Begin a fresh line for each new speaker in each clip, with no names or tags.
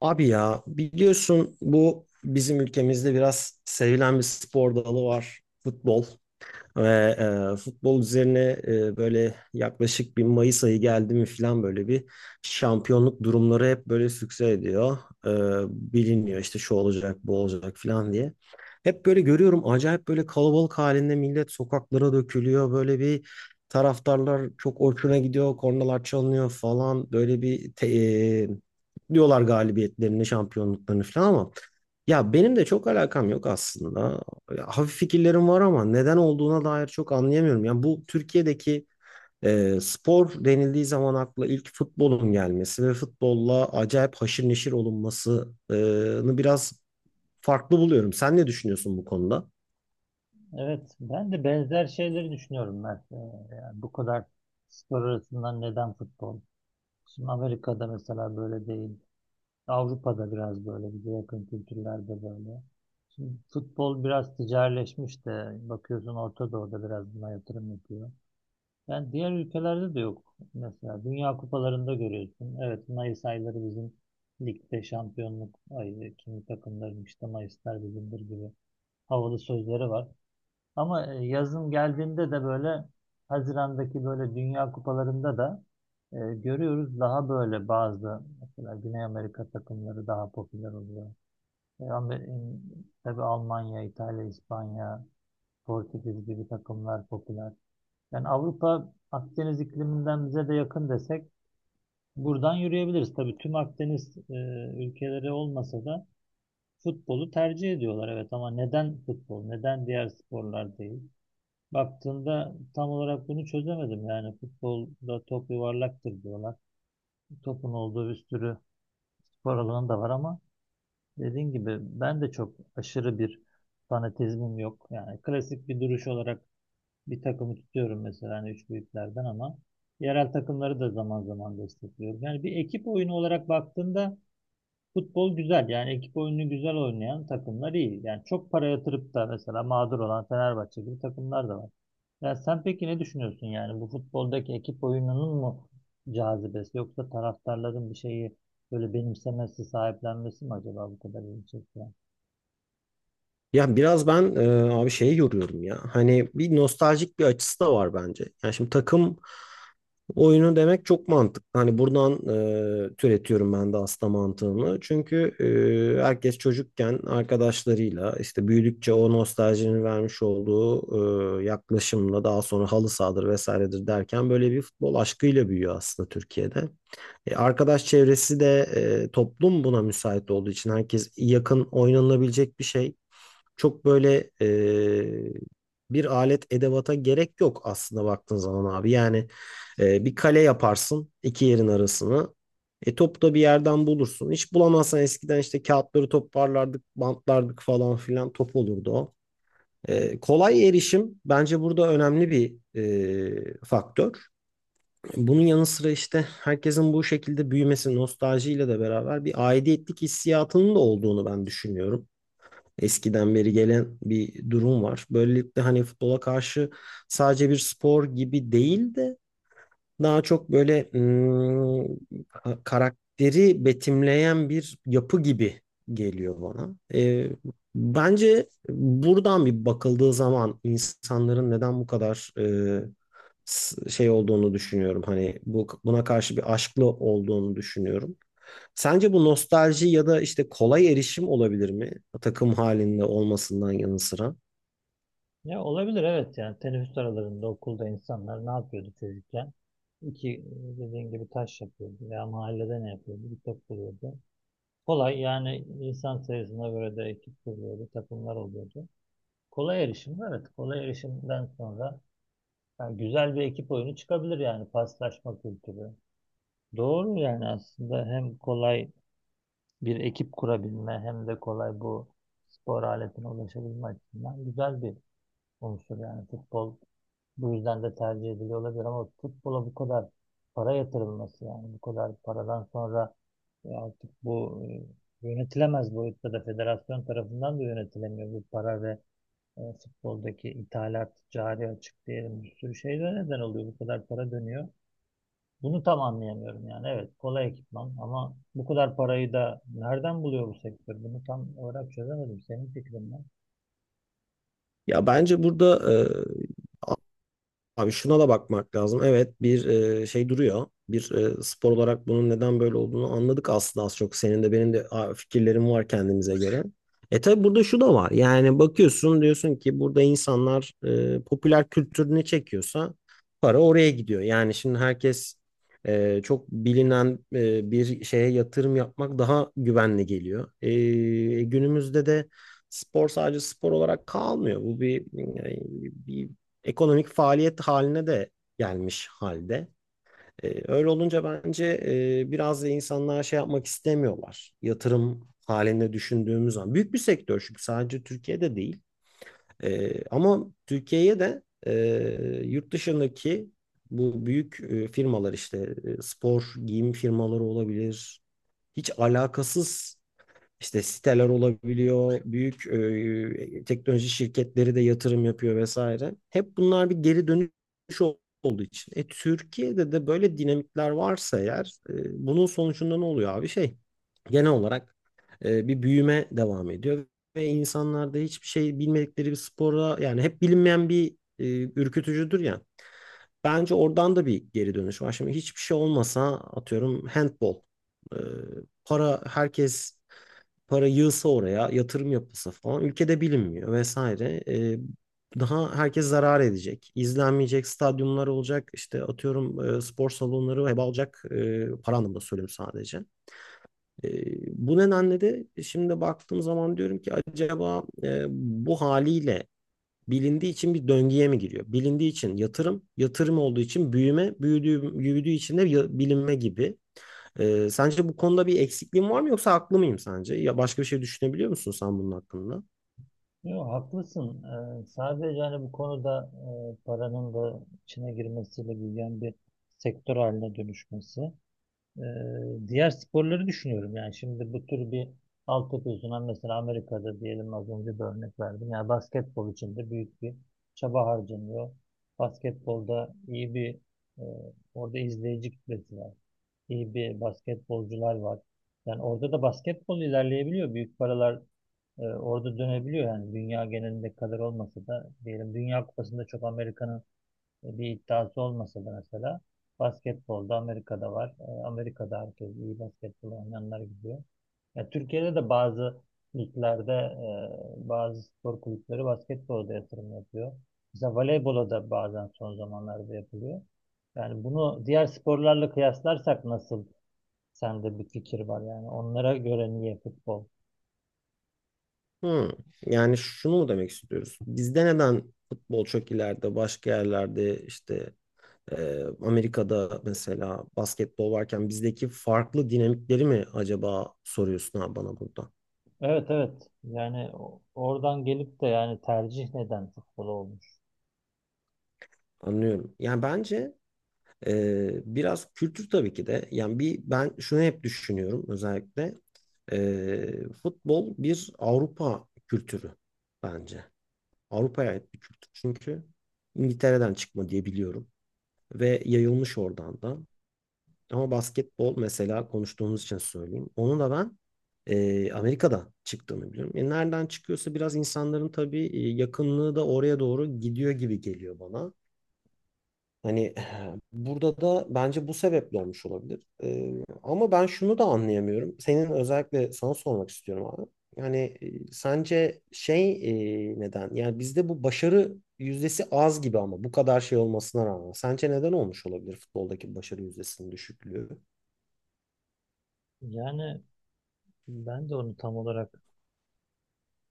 Abi ya biliyorsun bu bizim ülkemizde biraz sevilen bir spor dalı var. Futbol. Ve futbol üzerine böyle yaklaşık bir Mayıs ayı geldi mi falan böyle bir şampiyonluk durumları hep böyle sükse ediyor. E, biliniyor işte şu olacak bu olacak falan diye. Hep böyle görüyorum acayip böyle kalabalık halinde millet sokaklara dökülüyor. Böyle bir taraftarlar çok hoşuna gidiyor. Kornalar çalınıyor falan. Böyle bir te- e, diyorlar galibiyetlerini, şampiyonluklarını falan ama ya benim de çok alakam yok aslında. Hafif fikirlerim var ama neden olduğuna dair çok anlayamıyorum. Yani bu Türkiye'deki spor denildiği zaman akla ilk futbolun gelmesi ve futbolla acayip haşır neşir olunmasını biraz farklı buluyorum. Sen ne düşünüyorsun bu konuda?
Evet, ben de benzer şeyleri düşünüyorum Mert. Yani bu kadar spor arasından neden futbol? Şimdi Amerika'da mesela böyle değil. Avrupa'da biraz böyle, bize yakın kültürlerde böyle. Şimdi futbol biraz ticarileşmiş de bakıyorsun Orta Doğu'da biraz buna yatırım yapıyor. Yani diğer ülkelerde de yok. Mesela Dünya Kupalarında görüyorsun. Evet, Mayıs ayları bizim ligde şampiyonluk ayı. Kimi takımların işte Mayıslar bizimdir gibi havalı sözleri var. Ama yazın geldiğinde de böyle Haziran'daki böyle Dünya Kupalarında da görüyoruz daha böyle bazı mesela Güney Amerika takımları daha popüler oluyor. Tabii Almanya, İtalya, İspanya, Portekiz gibi takımlar popüler. Yani Avrupa Akdeniz ikliminden bize de yakın desek buradan yürüyebiliriz. Tabii tüm Akdeniz ülkeleri olmasa da futbolu tercih ediyorlar, evet, ama neden futbol, neden diğer sporlar değil? Baktığında tam olarak bunu çözemedim. Yani futbolda top yuvarlaktır diyorlar. Topun olduğu bir sürü spor alanı da var ama dediğin gibi ben de çok aşırı bir fanatizmim yok. Yani klasik bir duruş olarak bir takımı tutuyorum mesela hani üç büyüklerden ama yerel takımları da zaman zaman destekliyorum. Yani bir ekip oyunu olarak baktığında futbol güzel, yani ekip oyunu güzel oynayan takımlar iyi. Yani çok para yatırıp da mesela mağdur olan Fenerbahçe gibi takımlar da var. Ya sen peki ne düşünüyorsun, yani bu futboldaki ekip oyununun mu cazibesi, yoksa taraftarların bir şeyi böyle benimsemesi, sahiplenmesi mi acaba bu kadar ilgi çekiyor?
Ya biraz ben abi şeyi yoruyorum ya. Hani bir nostaljik bir açısı da var bence. Yani şimdi takım oyunu demek çok mantıklı. Hani buradan türetiyorum ben de aslında mantığını. Çünkü herkes çocukken arkadaşlarıyla işte büyüdükçe o nostaljinin vermiş olduğu yaklaşımla daha sonra halı sahadır vesairedir derken böyle bir futbol aşkıyla büyüyor aslında Türkiye'de. Arkadaş çevresi de toplum buna müsait olduğu için herkes yakın oynanabilecek bir şey çok böyle bir alet edevata gerek yok aslında baktığın zaman abi. Yani bir kale yaparsın iki yerin arasını. E topu da bir yerden bulursun. Hiç bulamazsan eskiden işte kağıtları toparlardık, bantlardık falan filan top olurdu o. Kolay erişim bence burada önemli bir faktör. Bunun yanı sıra işte herkesin bu şekilde büyümesi nostaljiyle de beraber bir aidiyetlik hissiyatının da olduğunu ben düşünüyorum, eskiden beri gelen bir durum var. Böylelikle hani futbola karşı sadece bir spor gibi değil de daha çok böyle karakteri betimleyen bir yapı gibi geliyor bana. Bence buradan bir bakıldığı zaman insanların neden bu kadar şey olduğunu düşünüyorum. Hani bu buna karşı bir aşklı olduğunu düşünüyorum. Sence bu nostalji ya da işte kolay erişim olabilir mi? Takım halinde olmasından yanı sıra.
Ya olabilir, evet, yani teneffüs aralarında okulda insanlar ne yapıyordu çocukken? İki dediğin gibi taş yapıyordu veya mahallede ne yapıyordu? Bir top buluyordu. Kolay, yani insan sayısına göre de ekip kuruyordu, takımlar oluyordu. Kolay erişim, evet. Kolay erişimden sonra yani güzel bir ekip oyunu çıkabilir, yani paslaşma kültürü. Doğru, yani aslında hem kolay bir ekip kurabilme hem de kolay bu spor aletine ulaşabilme açısından güzel bir unsur yani futbol bu yüzden de tercih ediliyor olabilir ama futbola bu kadar para yatırılması, yani bu kadar paradan sonra artık bu yönetilemez boyutta da federasyon tarafından da yönetilemiyor bu para ve futboldaki ithalat, cari açık diyelim bir sürü şeyler neden oluyor, bu kadar para dönüyor. Bunu tam anlayamıyorum yani. Evet, kolay ekipman ama bu kadar parayı da nereden buluyor bu sektör, bunu tam olarak çözemedim. Senin fikrin ne?
Ya bence burada abi şuna da bakmak lazım. Evet bir şey duruyor. Bir spor olarak bunun neden böyle olduğunu anladık aslında az çok. Senin de benim de fikirlerim var kendimize göre. E tabi burada şu da var. Yani bakıyorsun diyorsun ki burada insanlar popüler kültür ne çekiyorsa para oraya gidiyor. Yani şimdi herkes çok bilinen bir şeye yatırım yapmak daha güvenli geliyor. Günümüzde de spor sadece spor olarak kalmıyor. Bu bir ekonomik faaliyet haline de gelmiş halde. Öyle olunca bence biraz da insanlar şey yapmak istemiyorlar. Yatırım halinde düşündüğümüz zaman. Büyük bir sektör çünkü sadece Türkiye'de değil. Ama Türkiye'ye de yurt dışındaki bu büyük firmalar işte spor giyim firmaları olabilir. Hiç alakasız işte siteler olabiliyor, büyük teknoloji şirketleri de yatırım yapıyor vesaire. Hep bunlar bir geri dönüş ol- olduğu için. Türkiye'de de böyle dinamikler varsa eğer, bunun sonucunda ne oluyor abi? Şey genel olarak bir büyüme devam ediyor ve insanlarda hiçbir şey bilmedikleri bir spora yani hep bilinmeyen bir ürkütücüdür ya. Bence oradan da bir geri dönüş var. Şimdi hiçbir şey olmasa atıyorum handball. e, para, herkes para yığsa oraya, yatırım yapılsa falan ülkede bilinmiyor vesaire. Daha herkes zarar edecek. İzlenmeyecek stadyumlar olacak. İşte atıyorum spor salonları heba olacak. E, para anlamında söylüyorum sadece. E, bu nedenle de şimdi baktığım zaman diyorum ki acaba bu haliyle bilindiği için bir döngüye mi giriyor? Bilindiği için yatırım, yatırım olduğu için büyüme, büyüdüğü için de bilinme gibi. Sence bu konuda bir eksikliğim var mı yoksa haklı mıyım sence? Ya başka bir şey düşünebiliyor musun sen bunun hakkında?
Yo, haklısın. Sadece hani bu konuda paranın da içine girmesiyle büyüyen bir sektör haline dönüşmesi. Diğer sporları düşünüyorum. Yani şimdi bu tür bir altyapı yüzünden mesela Amerika'da diyelim, az önce bir örnek verdim. Yani basketbol için de büyük bir çaba harcanıyor. Basketbolda iyi bir e, orada izleyici kitlesi var. İyi bir basketbolcular var. Yani orada da basketbol ilerleyebiliyor. Büyük paralar orada dönebiliyor, yani dünya genelinde kadar olmasa da diyelim Dünya Kupası'nda çok Amerika'nın bir iddiası olmasa da mesela basketbolda Amerika'da var. Amerika'da herkes iyi basketbol oynayanlar gidiyor. Ya Türkiye'de de bazı liglerde bazı spor kulüpleri basketbolda yatırım yapıyor. Mesela voleybola da bazen son zamanlarda yapılıyor. Yani bunu diğer sporlarla kıyaslarsak nasıl, sende bir fikir var yani onlara göre niye futbol?
Hmm. Yani şunu mu demek istiyoruz? Bizde neden futbol çok ileride, başka yerlerde işte Amerika'da mesela basketbol varken bizdeki farklı dinamikleri mi acaba soruyorsun ha bana burada?
Evet, evet. Yani oradan gelip de yani tercih neden futbol olmuş?
Anlıyorum. Yani bence biraz kültür tabii ki de. Yani bir ben şunu hep düşünüyorum özellikle. Ee, futbol bir Avrupa kültürü bence. Avrupa'ya ait bir kültür. Çünkü İngiltere'den çıkma diye biliyorum. Ve yayılmış oradan da. Ama basketbol mesela konuştuğumuz için söyleyeyim. Onu da ben Amerika'da çıktığını biliyorum. Nereden çıkıyorsa biraz insanların tabii yakınlığı da oraya doğru gidiyor gibi geliyor bana. Hani burada da bence bu sebeple olmuş olabilir. Ama ben şunu da anlayamıyorum. Senin özellikle sana sormak istiyorum abi. Yani sence neden? Yani bizde bu başarı yüzdesi az gibi ama bu kadar şey olmasına rağmen. Sence neden olmuş olabilir futboldaki başarı yüzdesinin düşüklüğü?
Yani ben de onu tam olarak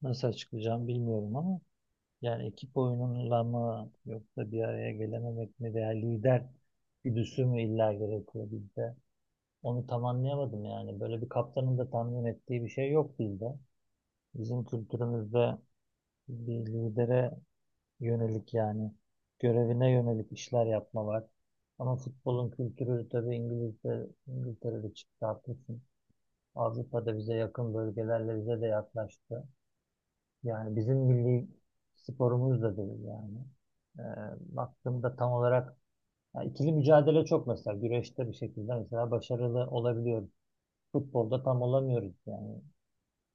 nasıl açıklayacağım bilmiyorum ama yani ekip oyunuyla mı, yoksa bir araya gelememek mi, veya lider güdüsü mü illa gerekiyor bizde? Onu tam anlayamadım yani. Böyle bir kaptanın da tahmin ettiği bir şey yok bizde. Bizim kültürümüzde bir lidere yönelik, yani görevine yönelik işler yapma var. Ama futbolun kültürü tabii İngilizce, İngiltere'de çıktı, haklısın. Avrupa'da bize yakın bölgelerle bize de yaklaştı. Yani bizim milli sporumuz da değil yani. Ee, Baktığımda tam olarak, ya ikili mücadele çok mesela, güreşte bir şekilde mesela başarılı olabiliyoruz. Futbolda tam olamıyoruz yani.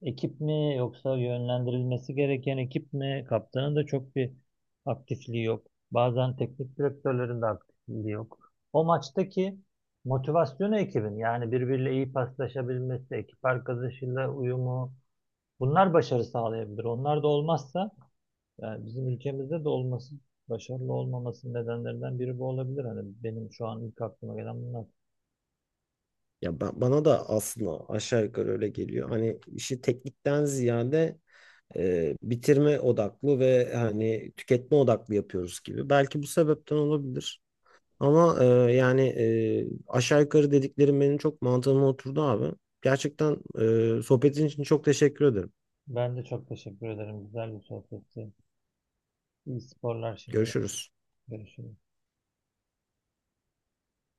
Ekip mi, yoksa yönlendirilmesi gereken ekip mi? Kaptanın da çok bir aktifliği yok. Bazen teknik direktörlerin de aktifliği yok. O maçtaki motivasyonu ekibin, yani birbiriyle iyi paslaşabilmesi, ekip arkadaşıyla uyumu, bunlar başarı sağlayabilir. Onlar da olmazsa yani bizim ülkemizde de olması, başarılı olmaması nedenlerinden biri bu olabilir. Hani benim şu an ilk aklıma gelen bunlar.
Bana da aslında aşağı yukarı öyle geliyor. Hani işi teknikten ziyade bitirme odaklı ve hani tüketme odaklı yapıyoruz gibi. Belki bu sebepten olabilir. Ama aşağı yukarı dediklerim benim çok mantığıma oturdu abi. Gerçekten sohbetin için çok teşekkür ederim.
Ben de çok teşekkür ederim. Güzel bir sohbetti. İyi sporlar şimdi.
Görüşürüz.
Görüşürüz.